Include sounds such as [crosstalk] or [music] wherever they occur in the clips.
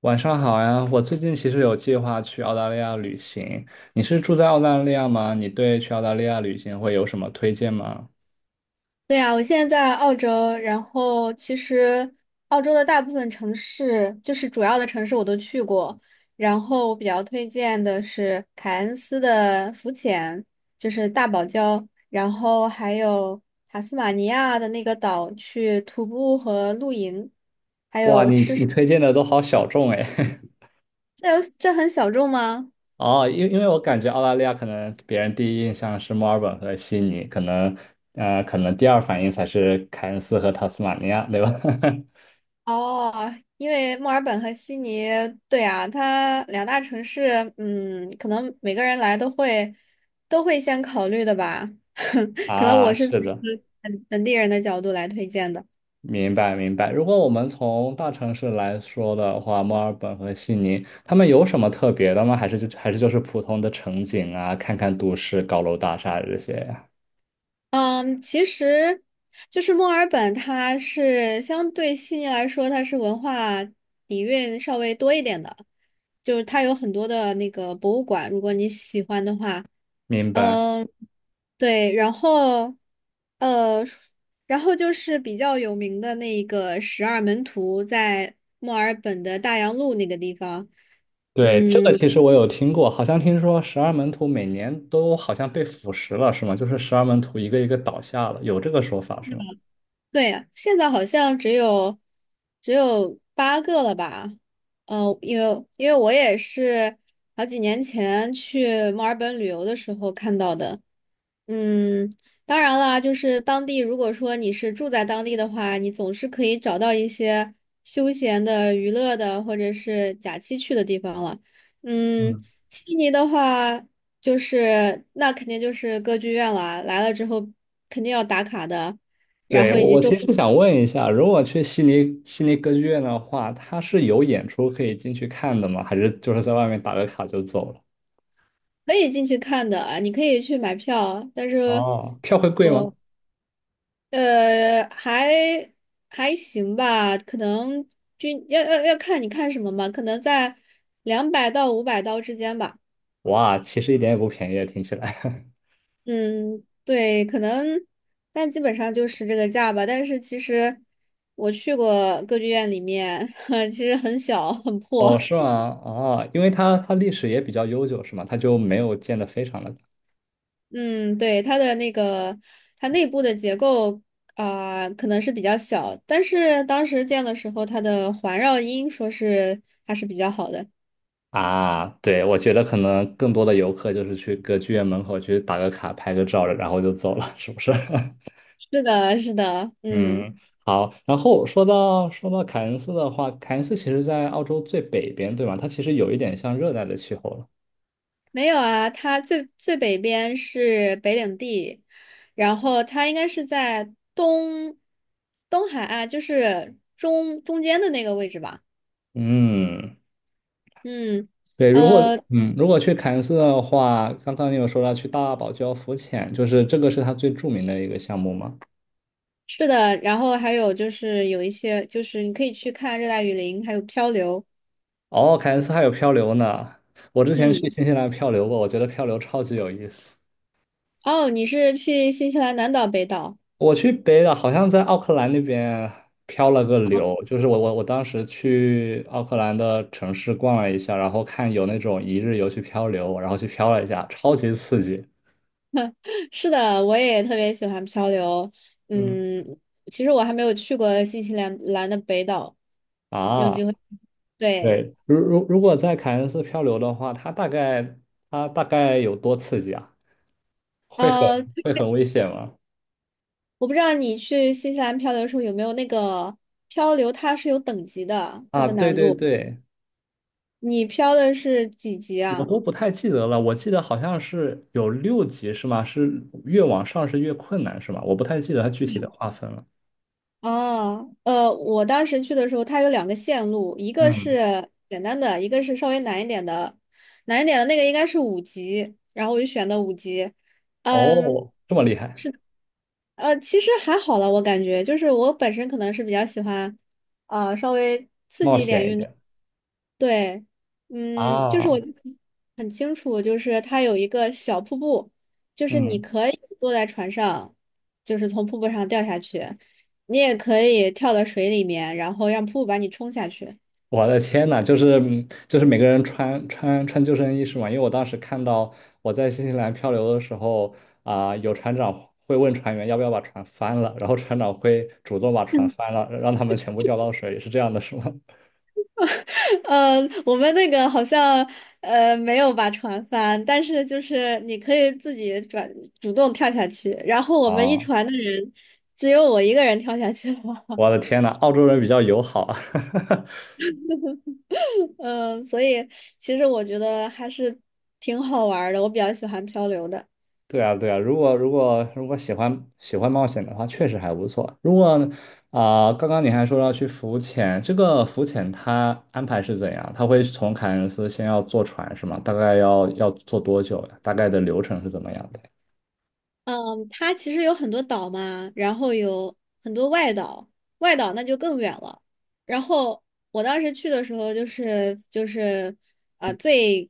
晚上好呀，我最近其实有计划去澳大利亚旅行。你是住在澳大利亚吗？你对去澳大利亚旅行会有什么推荐吗？对呀，我现在在澳洲，然后其实澳洲的大部分城市，就是主要的城市我都去过。然后我比较推荐的是凯恩斯的浮潜，就是大堡礁，然后还有塔斯马尼亚的那个岛去徒步和露营，还哇，有你吃。你推荐的都好小众哎。这很小众吗？[laughs] 哦，因为我感觉澳大利亚可能别人第一印象是墨尔本和悉尼，可能第二反应才是凯恩斯和塔斯马尼亚，对吧？哦，因为墨尔本和悉尼，对啊，它两大城市，可能每个人来都会先考虑的吧。[laughs] [laughs] 可能啊，我是是从一的。个本地人的角度来推荐的。明白明白。如果我们从大城市来说的话，墨尔本和悉尼，他们有什么特别的吗？还是就还是就是普通的城景啊，看看都市高楼大厦这些呀？嗯，其实就是墨尔本，它是相对悉尼来说，它是文化底蕴稍微多一点的，就是它有很多的那个博物馆，如果你喜欢的话。明白。嗯，对，呃，然后就是比较有名的那个十二门徒，在墨尔本的大洋路那个地方。对，这个嗯。其实我有听过，好像听说十二门徒每年都好像被腐蚀了，是吗？就是十二门徒一个一个倒下了，有这个说法是吗？对呀，现在好像只有8个了吧？因为我也是好几年前去墨尔本旅游的时候看到的。嗯，当然啦，就是当地如果说你是住在当地的话，你总是可以找到一些休闲的、娱乐的或者是假期去的地方了。嗯，嗯。悉尼的话，就是那肯定就是歌剧院啦，来了之后肯定要打卡的。然对，后我以及我其周。实想问一下，如果去悉尼歌剧院的话，它是有演出可以进去看的吗？还是就是在外面打个卡就走了？可以进去看的，你可以去买票，但是，哦，票会贵吗？我呃，还还行吧，可能均要要要看你看什么嘛，可能在200到500刀之间吧。哇，其实一点也不便宜啊，听起来。[laughs] 嗯，对，可能，但基本上就是这个价吧。但是其实我去过歌剧院里面，[laughs] 其实很小很哦，破。是吗？哦，因为它历史也比较悠久，是吗？它就没有建的非常的嗯，对，它的那个，它内部的结构啊、可能是比较小，但是当时建的时候，它的环绕音说是还是比较好的。大啊。对，我觉得可能更多的游客就是去歌剧院门口去打个卡、拍个照，然后就走了，是不是？是的，是的，[laughs] 嗯，嗯，好。然后说到凯恩斯的话，凯恩斯其实在澳洲最北边，对吧？它其实有一点像热带的气候了。没有啊，它最北边是北领地，然后它应该是在东海岸，就是中间的那个位置吧。嗯。嗯，对，呃，如果去凯恩斯的话，刚刚你有说到去大堡礁浮潜，就是这个是它最著名的一个项目吗？是的，然后还有就是有一些，就是你可以去看热带雨林，还有漂流。哦，凯恩斯还有漂流呢。我之前去嗯。新西兰漂流过，我觉得漂流超级有意思。哦，你是去新西兰南岛、北岛？我去北岛，好像在奥克兰那边漂了个流，就是我当时去奥克兰的城市逛了一下，然后看有那种一日游去漂流，然后去漂了一下，超级刺激。[laughs] 是的，我也特别喜欢漂流。嗯，嗯，其实我还没有去过新西兰的北岛，有啊。机会。对，对，如果在凯恩斯漂流的话，它大概有多刺激啊？会很呃，会很危险吗？我不知道你去新西兰漂流的时候有没有那个漂流，它是有等级的，它啊，的对难对度。对，你漂的是几级我啊？都不太记得了，我记得好像是有六级是吗？是越往上是越困难是吗？我不太记得它具体的划分了。哦，我当时去的时候，它有两个线路，一个嗯，是简单的，一个是稍微难一点的。难一点的那个应该是五级，然后我就选的五级。嗯，哦，这么厉害，其实还好了，我感觉就是我本身可能是比较喜欢，稍微刺冒激一点险一运动。点对，就是我啊，就很清楚，就是它有一个小瀑布，就是你嗯。可以坐在船上，就是从瀑布上掉下去，你也可以跳到水里面，然后让瀑布把你冲下去。我的天呐，就是每个人穿救生衣是吗？因为我当时看到我在新西兰漂流的时候有船长会问船员要不要把船翻了，然后船长会主动把船翻 [laughs] 了，让他们全部掉到水里，是这样的，是吗？呃，我们那个好像没有把船翻，但是就是你可以自己转主动跳下去，然后 [laughs] 我们一啊，船的人只有我一个人跳下去了。我的天呐，澳洲人比较友好啊。[laughs] 嗯，所以其实我觉得还是挺好玩儿的，我比较喜欢漂流的。对啊，对啊，如果喜欢冒险的话，确实还不错。如果啊、刚刚你还说要去浮潜，这个浮潜它安排是怎样？它会从凯恩斯先要坐船是吗？大概要坐多久呀？大概的流程是怎么样的？嗯，它其实有很多岛嘛，然后有很多外岛，外岛那就更远了。然后我当时去的时候、就是啊、最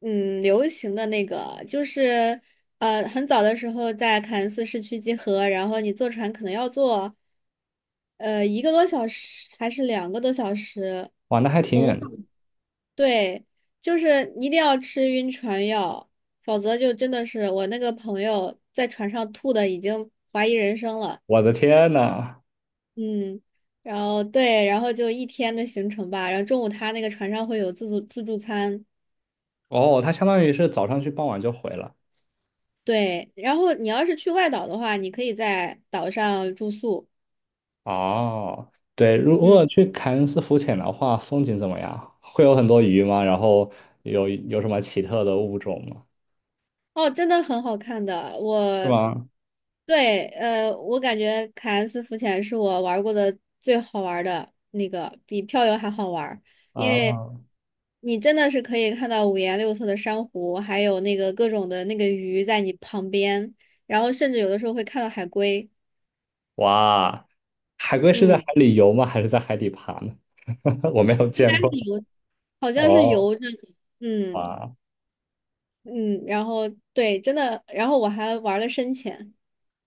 嗯流行的那个就是很早的时候在凯恩斯市区集合，然后你坐船可能要坐1个多小时还是2个多小时。哇，那还挺远的。对，就是一定要吃晕船药，否则就真的是我那个朋友在船上吐的已经怀疑人生了。我的天呐！嗯，然后对，然后就一天的行程吧，然后中午他那个船上会有自助餐。哦，它相当于是早上去，傍晚就回了。对，然后你要是去外岛的话，你可以在岛上住宿。哦，对，如果嗯。去凯恩斯浮潜的话，风景怎么样？会有很多鱼吗？然后有什么奇特的物种吗？哦，真的很好看的。是吗？对，我感觉凯恩斯浮潜是我玩过的最好玩的那个，比漂流还好玩，因为啊，你真的是可以看到五颜六色的珊瑚，还有那个各种的那个鱼在你旁边，然后甚至有的时候会看到海龟。哇，海龟是在海嗯，里游吗？还是在海底爬呢？[laughs] 我没有应见该是过。游，好像是哦，游着的。嗯哇嗯，然后对，真的，然后我还玩了深潜。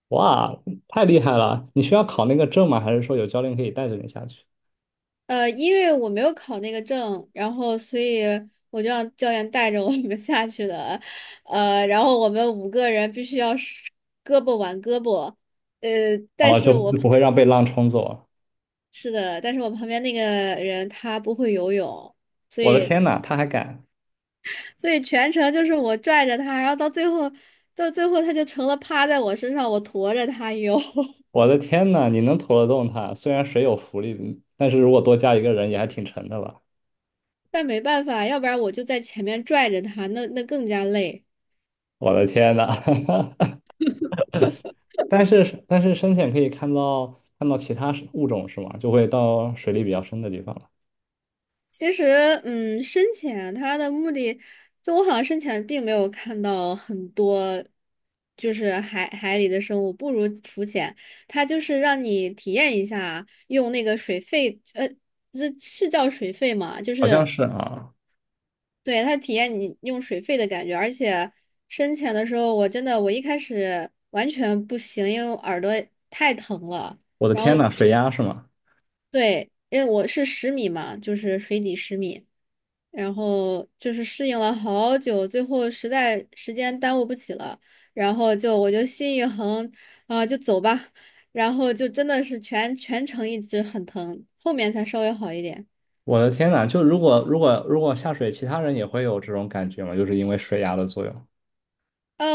哇，太厉害了！你需要考那个证吗？还是说有教练可以带着你下去？因为我没有考那个证，然后所以我就让教练带着我们 [laughs] 下去的，然后我们五个人必须要是胳膊挽胳膊，呃，但哦，就是我旁不会让被浪冲走啊。是的，但是我旁边那个人他不会游泳，所我的以天呐，他还敢！所以全程就是我拽着他，然后到最后他就成了趴在我身上，我驮着他游。我的天呐，你能拖得动他？虽然水有浮力，但是如果多加一个人也还挺沉的吧？[laughs] 但没办法，要不然我就在前面拽着他，那更加累。我的天呐！[laughs] 但是深潜可以看到其他物种是吗？就会到水里比较深的地方了。其实，深潜它的目的，就我好像深潜并没有看到很多，就是海里的生物，不如浮潜，它就是让你体验一下用那个水肺，这是叫水肺嘛？就好是像是啊。对它体验你用水肺的感觉，而且深潜的时候，我真的我一开始完全不行，因为我耳朵太疼了。我的然后天呐，水压是吗？对，因为我是十米嘛，就是水底十米。然后就是适应了好久，最后实在时间耽误不起了，然后我就心一横啊，就走吧，然后就真的是全程一直很疼，后面才稍微好一点。我的天呐，就如果下水，其他人也会有这种感觉吗？就是因为水压的作用。呃，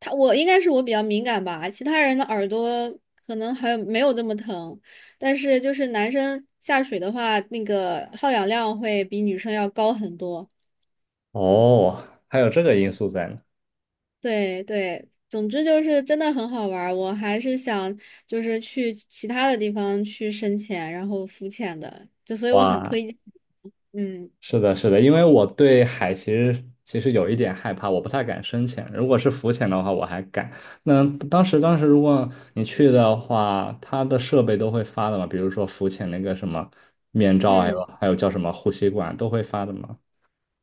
我应该是我比较敏感吧，其他人的耳朵可能还没有这么疼，但是就是男生下水的话，那个耗氧量会比女生要高很多。哦，还有这个因素在呢。对对，总之就是真的很好玩儿，我还是想就是去其他的地方去深潜，然后浮潜的，就所以我很哇，推荐。嗯是的，是的，因为我对海其实有一点害怕，我不太敢深潜。如果是浮潜的话，我还敢。那当时如果你去的话，它的设备都会发的嘛，比如说浮潜那个什么面罩，还嗯，有还有叫什么呼吸管都会发的嘛。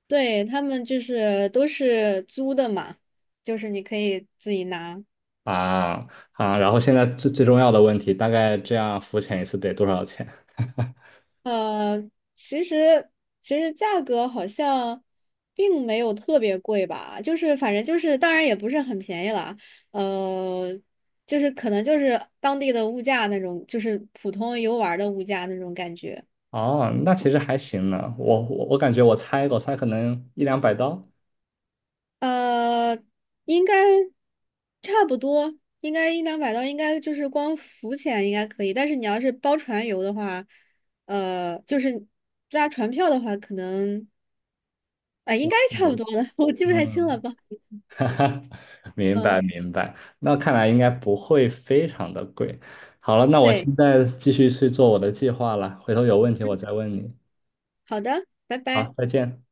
对，他们就是都是租的嘛，就是你可以自己拿。啊啊，然后现在最重要的问题，大概这样浮潜一次得多少钱？[laughs] 呃，其实其实价格好像并没有特别贵吧，就是反正就是，当然也不是很便宜了，呃，就是可能就是当地的物价那种，就是普通游玩儿的物价那种感觉，哦，那其实还行呢，我感觉我猜可能100到200刀。呃，应该差不多，应该一两百刀，应该就是光浮潜应该可以，但是你要是包船游的话，就是抓船票的话，可能啊、应该差不对，多了，[laughs] 我记不太清了嗯，吧。[laughs] 哈哈，明白嗯，明白，那看来应该不会非常的贵。好了，那我对，现在继续去做我的计划了，回头有问题我再嗯，问你。好的，拜拜。好，再见。